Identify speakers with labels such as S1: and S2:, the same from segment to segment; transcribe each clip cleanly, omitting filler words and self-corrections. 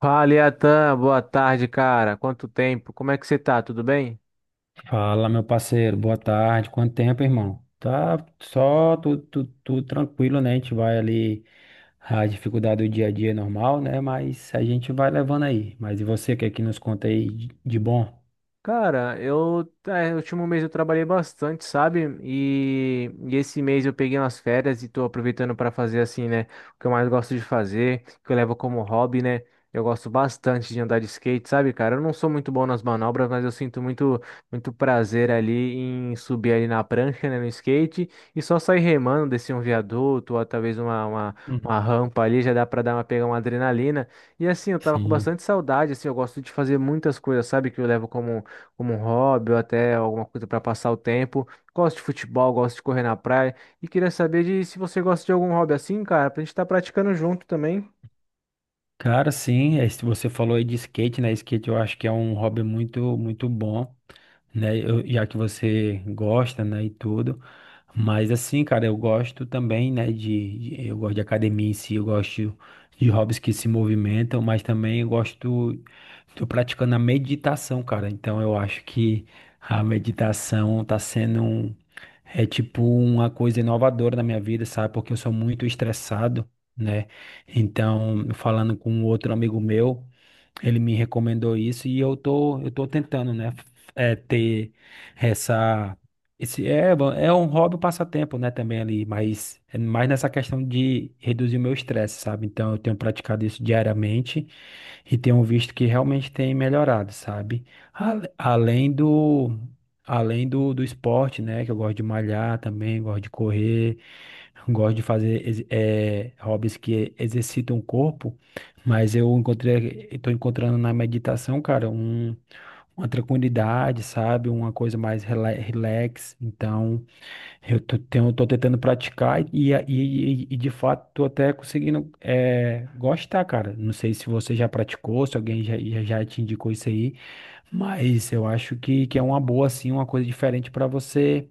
S1: Fala, Iatan, boa tarde, cara. Quanto tempo? Como é que você tá? Tudo bem?
S2: Fala, meu parceiro, boa tarde. Quanto tempo, irmão? Tá só tudo tranquilo, né? A gente vai ali, a dificuldade do dia a dia é normal, né? Mas a gente vai levando aí. Mas e você, o que é que nos conta aí de bom?
S1: Cara, no último mês eu trabalhei bastante, sabe? E esse mês eu peguei umas férias e tô aproveitando para fazer assim, né? O que eu mais gosto de fazer, que eu levo como hobby, né? Eu gosto bastante de andar de skate, sabe, cara? Eu não sou muito bom nas manobras, mas eu sinto muito, muito prazer ali em subir ali na prancha, né, no skate, e só sair remando, descer um viaduto ou talvez
S2: Hum.
S1: uma rampa ali, já dá pra dar uma, pegar uma adrenalina. E assim, eu tava com
S2: Sim.
S1: bastante saudade, assim, eu gosto de fazer muitas coisas, sabe, que eu levo como um hobby ou até alguma coisa para passar o tempo. Gosto de futebol, gosto de correr na praia e queria saber de se você gosta de algum hobby assim, cara, pra gente estar praticando junto também.
S2: Cara, sim, se você falou aí de skate, né? Skate eu acho que é um hobby muito, muito bom. Né? Eu, já que você gosta, né, e tudo. Mas assim, cara, eu gosto também, né, eu gosto de academia em si, eu gosto de hobbies que se movimentam, mas também eu gosto, tô praticando a meditação, cara. Então eu acho que a meditação tá sendo um, é tipo uma coisa inovadora na minha vida, sabe? Porque eu sou muito estressado, né? Então, falando com um outro amigo meu, ele me recomendou isso e eu tô tentando, né, ter essa, é bom, é um hobby, um passatempo, né, também ali, mas é mais nessa questão de reduzir o meu estresse, sabe? Então eu tenho praticado isso diariamente e tenho visto que realmente tem melhorado, sabe? Além do, do esporte, né, que eu gosto de malhar também, gosto de correr. Gosto de fazer hobbies que exercitam o corpo, mas estou encontrando na meditação, cara, um, uma tranquilidade, sabe? Uma coisa mais relax. Então, tô tentando praticar e de fato tô até conseguindo gostar, cara. Não sei se você já praticou, se alguém já te indicou isso aí, mas eu acho que é uma boa, assim, uma coisa diferente para você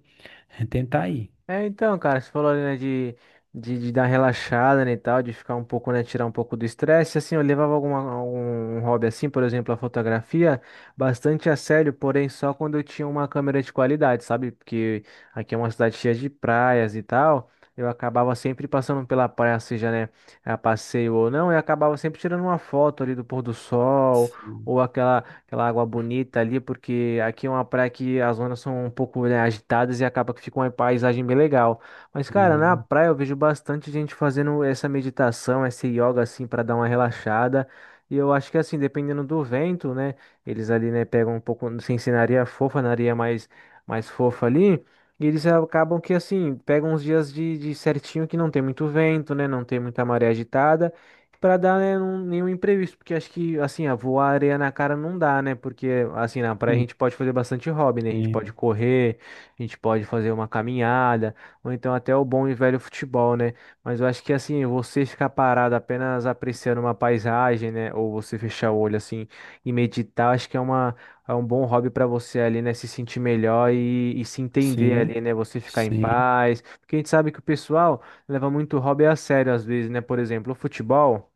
S2: tentar aí.
S1: É, então, cara, você falou ali, né, de dar relaxada, né, e tal, de ficar um pouco, né, tirar um pouco do estresse, assim, eu levava alguma, algum hobby assim, por exemplo, a fotografia, bastante a sério, porém só quando eu tinha uma câmera de qualidade, sabe? Porque aqui é uma cidade cheia de praias e tal, eu acabava sempre passando pela praia, seja, né, a passeio ou não, e acabava sempre tirando uma foto ali do pôr do sol,
S2: Sim.
S1: ou aquela água bonita ali, porque aqui é uma praia que as ondas são um pouco, né, agitadas e acaba que fica uma paisagem bem legal. Mas, cara, na
S2: Hum.
S1: praia eu vejo bastante gente fazendo essa meditação, esse yoga, assim, para dar uma relaxada. E eu acho que, assim, dependendo do vento, né, eles ali, né, pegam um pouco, sem ser na areia fofa, mais fofa ali. E eles acabam que, assim, pegam uns dias de certinho que não tem muito vento, né? Não tem muita maré agitada. Pra dar, né, um- nenhum imprevisto, porque acho que, assim, ah, voar areia na cara não dá, né? Porque, assim, na praia a gente pode fazer bastante hobby, né? A gente
S2: Sim,
S1: pode correr, a gente pode fazer uma caminhada, ou então até o bom e velho futebol, né? Mas eu acho que, assim, você ficar parado apenas apreciando uma paisagem, né? Ou você fechar o olho, assim, e meditar, acho que é uma, é um bom hobby pra você ali, né? Se sentir melhor e se entender
S2: sim,
S1: ali, né? Você ficar em
S2: sim.
S1: paz. Porque a gente sabe que o pessoal leva muito hobby a sério, às vezes, né? Por exemplo, o futebol.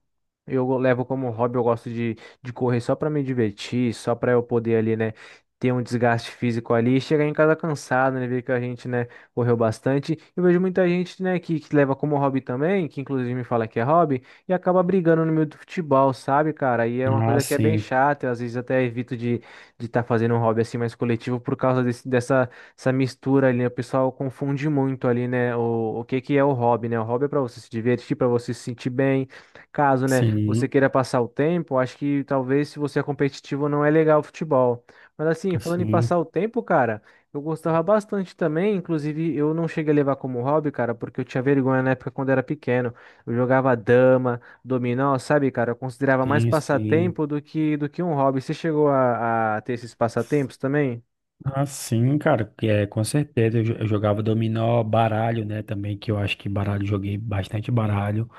S1: Eu levo como hobby, eu gosto de correr só para me divertir, só para eu poder ali, né, ter um desgaste físico ali, e chegar em casa cansado, né, ver que a gente, né, correu bastante. Eu vejo muita gente, né, que leva como hobby também, que inclusive me fala que é hobby, e acaba brigando no meio do futebol, sabe, cara? E é uma
S2: Ah,
S1: coisa que é bem
S2: sim,
S1: chata, eu às vezes até evito de estar fazendo um hobby assim mais coletivo por causa desse, dessa essa mistura ali, né? O pessoal confunde muito ali, né, o que que é o hobby, né? O hobby é para você se divertir, para você se sentir bem, caso, né, você
S2: sim,
S1: queira passar o tempo, acho que talvez se você é competitivo não é legal o futebol. Mas assim, falando em
S2: sim,
S1: passar o tempo, cara, eu gostava bastante também, inclusive eu não cheguei a levar como hobby, cara, porque eu tinha vergonha na época quando era pequeno. Eu jogava dama, dominó, sabe, cara, eu considerava mais
S2: sim, sim.
S1: passatempo do que um hobby. Você chegou a ter esses passatempos também?
S2: Ah, sim, cara, que é, com certeza. Eu jogava dominó, baralho, né? Também, que eu acho que baralho, joguei bastante baralho.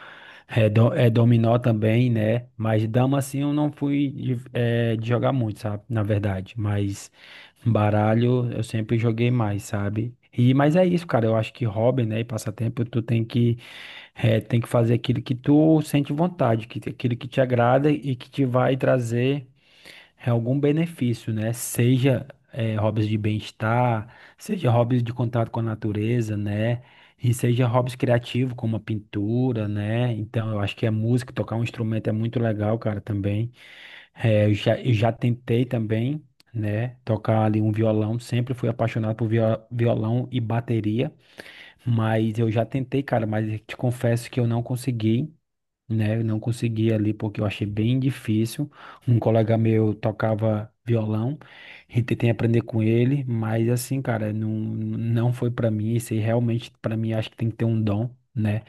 S2: É, é dominó também, né? Mas dama, assim, eu não fui de, de jogar muito, sabe? Na verdade. Mas baralho eu sempre joguei mais, sabe? E, mas é isso, cara. Eu acho que hobby, né? E passatempo, tu tem que, tem que fazer aquilo que tu sente vontade, que, aquilo que te agrada e que te vai trazer. É algum benefício, né? Seja hobbies de bem-estar, seja hobbies de contato com a natureza, né? E seja hobbies criativos, como a pintura, né? Então, eu acho que a música, tocar um instrumento é muito legal, cara, também. Eu já tentei também, né? Tocar ali um violão, sempre fui apaixonado por violão e bateria, mas eu já tentei, cara, mas eu te confesso que eu não consegui, né? Eu não consegui ali porque eu achei bem difícil. Um colega meu tocava violão, e tentei aprender com ele, mas assim, cara, não foi pra mim. Isso aí realmente pra mim acho que tem que ter um dom, né?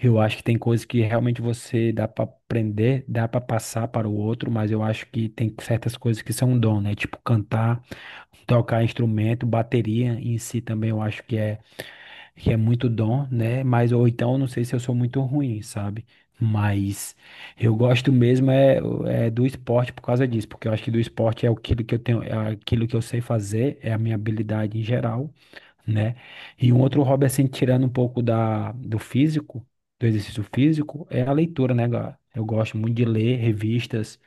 S2: Eu acho que tem coisas que realmente você dá pra aprender, dá pra passar para o outro, mas eu acho que tem certas coisas que são um dom, né? Tipo cantar, tocar instrumento, bateria em si também eu acho que é muito dom, né? Mas ou então eu não sei se eu sou muito ruim, sabe? Mas eu gosto mesmo é do esporte por causa disso, porque eu acho que do esporte é aquilo que eu tenho, é aquilo que eu sei fazer, é a minha habilidade em geral, né? E um outro hobby, assim, tirando um pouco do físico, do exercício físico, é a leitura, né, cara? Eu gosto muito de ler revistas,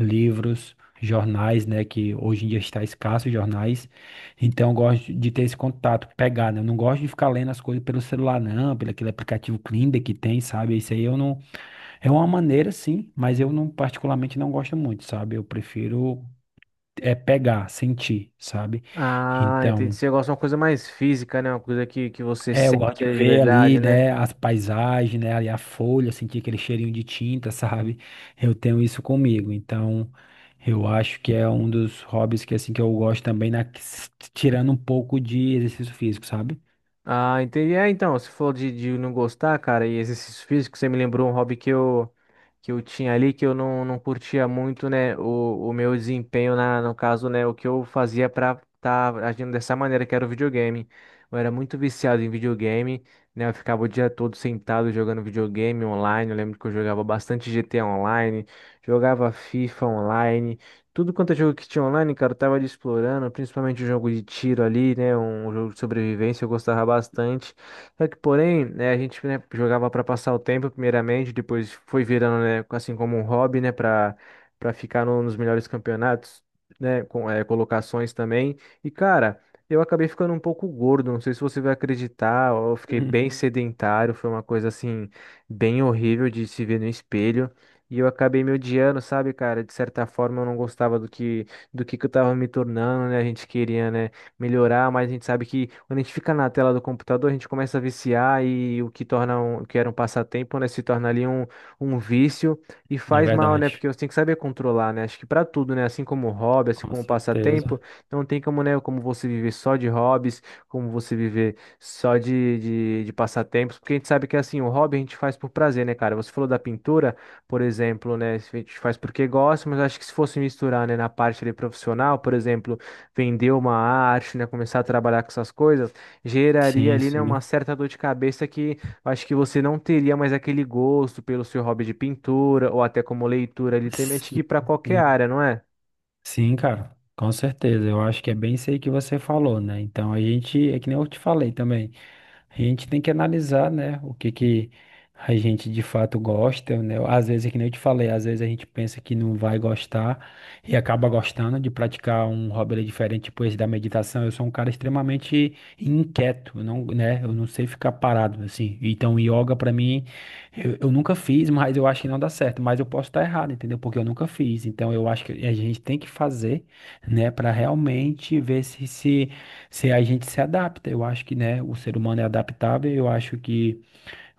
S2: livros, jornais, né? Que hoje em dia está escasso jornais. Então, eu gosto de ter esse contato, pegar, né? Eu não gosto de ficar lendo as coisas pelo celular, não, pelo aquele aplicativo Kindle que tem, sabe? Isso aí eu não. É uma maneira, sim, mas eu não, particularmente, não gosto muito, sabe? Eu prefiro. É pegar, sentir, sabe?
S1: Ah, entendi.
S2: Então,
S1: Você gosta de uma coisa mais física, né? Uma coisa que você
S2: é, eu
S1: sente
S2: gosto de
S1: de
S2: ver
S1: verdade,
S2: ali,
S1: né?
S2: né, as paisagens, né, ali a folha, sentir aquele cheirinho de tinta, sabe? Eu tenho isso comigo. Então, eu acho que é um dos hobbies que assim que eu gosto também, tirando um pouco de exercício físico, sabe?
S1: Ah, entendi. É, então, você falou de não gostar, cara, e exercícios físicos, você me lembrou um hobby que eu tinha ali, que eu não, não curtia muito, né, o meu desempenho, na, no caso, né, o que eu fazia pra estar agindo dessa maneira, que era o videogame. Eu era muito viciado em videogame, né, eu ficava o dia todo sentado jogando videogame online, eu lembro que eu jogava bastante GTA online, jogava FIFA online, tudo quanto é jogo que tinha online, cara, eu tava ali explorando, principalmente o jogo de tiro ali, né? Um jogo de sobrevivência, eu gostava bastante. Só que, porém, né, a gente, né, jogava pra passar o tempo, primeiramente, depois foi virando, né, assim como um hobby, né, pra ficar no- nos melhores campeonatos, né, com colocações também. E, cara, eu acabei ficando um pouco gordo, não sei se você vai acreditar, eu fiquei
S2: Uhum.
S1: bem sedentário, foi uma coisa assim, bem horrível de se ver no espelho. E eu acabei me odiando, sabe, cara? De certa forma eu não gostava do que que eu tava me tornando, né? A gente queria, né, melhorar, mas a gente sabe que quando a gente fica na tela do computador, a gente começa a viciar e o que torna um, o que era um passatempo, né, se torna ali um, um vício e
S2: É
S1: faz mal, né? Porque
S2: verdade.
S1: você tem que saber controlar, né? Acho que pra tudo, né, assim como hobby, assim
S2: Com
S1: como
S2: certeza.
S1: passatempo, não tem como, né, como você viver só de hobbies, como você viver só de passatempos, porque a gente sabe que assim, o hobby a gente faz por prazer, né, cara? Você falou da pintura, por exemplo, né? A gente faz porque gosta, mas acho que se fosse misturar, né, na parte ali profissional, por exemplo, vender uma arte, né, começar a trabalhar com essas coisas, geraria
S2: Sim,
S1: ali, né, uma
S2: sim.
S1: certa dor de cabeça que eu acho que você não teria mais aquele gosto pelo seu hobby de pintura ou até como leitura ali, tem que
S2: Sim,
S1: ir para qualquer
S2: sim.
S1: área, não é?
S2: Sim, cara. Com certeza. Eu acho que é bem isso aí que você falou, né? Então, a gente, é que nem eu te falei também. A gente tem que analisar, né, o que a gente de fato gosta, né? Às vezes, é que nem eu te falei, às vezes a gente pensa que não vai gostar e acaba gostando de praticar um hobby ali diferente, tipo esse da meditação. Eu sou um cara extremamente inquieto, eu não, né? Eu não sei ficar parado assim. Então, yoga pra mim, eu nunca fiz, mas eu acho que não dá certo. Mas eu posso estar errado, entendeu? Porque eu nunca fiz. Então, eu acho que a gente tem que fazer, né, pra realmente ver se a gente se adapta. Eu acho que, né, o ser humano é adaptável, eu acho que.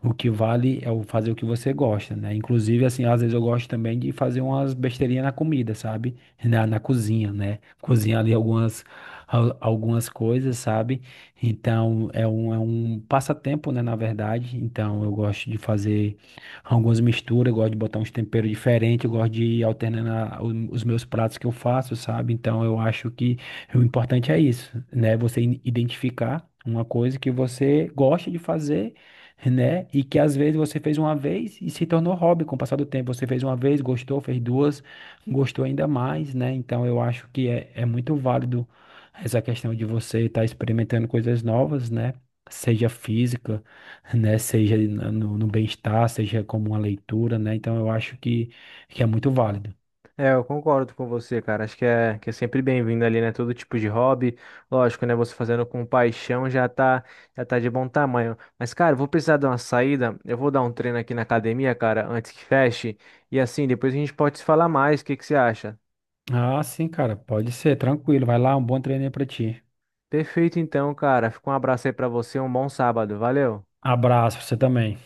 S2: O que vale é o fazer o que você gosta, né? Inclusive, assim, às vezes eu gosto também de fazer umas besteirinhas na comida, sabe? Na cozinha, né? Cozinhar ali algumas, algumas coisas, sabe? Então, é um passatempo, né? Na verdade. Então, eu gosto de fazer algumas misturas, eu gosto de botar uns temperos diferentes, eu gosto de ir alternando os meus pratos que eu faço, sabe? Então, eu acho que o importante é isso, né? Você identificar. Uma coisa que você gosta de fazer, né? E que às vezes você fez uma vez e se tornou hobby com o passar do tempo. Você fez uma vez, gostou, fez duas, gostou ainda mais, né? Então eu acho que é muito válido essa questão de você estar experimentando coisas novas, né? Seja física, né? Seja no bem-estar, seja como uma leitura, né? Então eu acho que é muito válido.
S1: É, eu concordo com você, cara. Acho que é sempre bem-vindo ali, né? Todo tipo de hobby. Lógico, né? Você fazendo com paixão já tá de bom tamanho. Mas, cara, eu vou precisar de uma saída. Eu vou dar um treino aqui na academia, cara, antes que feche. E assim, depois a gente pode se falar mais. O que que você acha?
S2: Ah, sim, cara, pode ser, tranquilo. Vai lá, um bom treino aí pra ti.
S1: Perfeito, então, cara. Fica um abraço aí pra você. Um bom sábado. Valeu.
S2: Abraço, você também.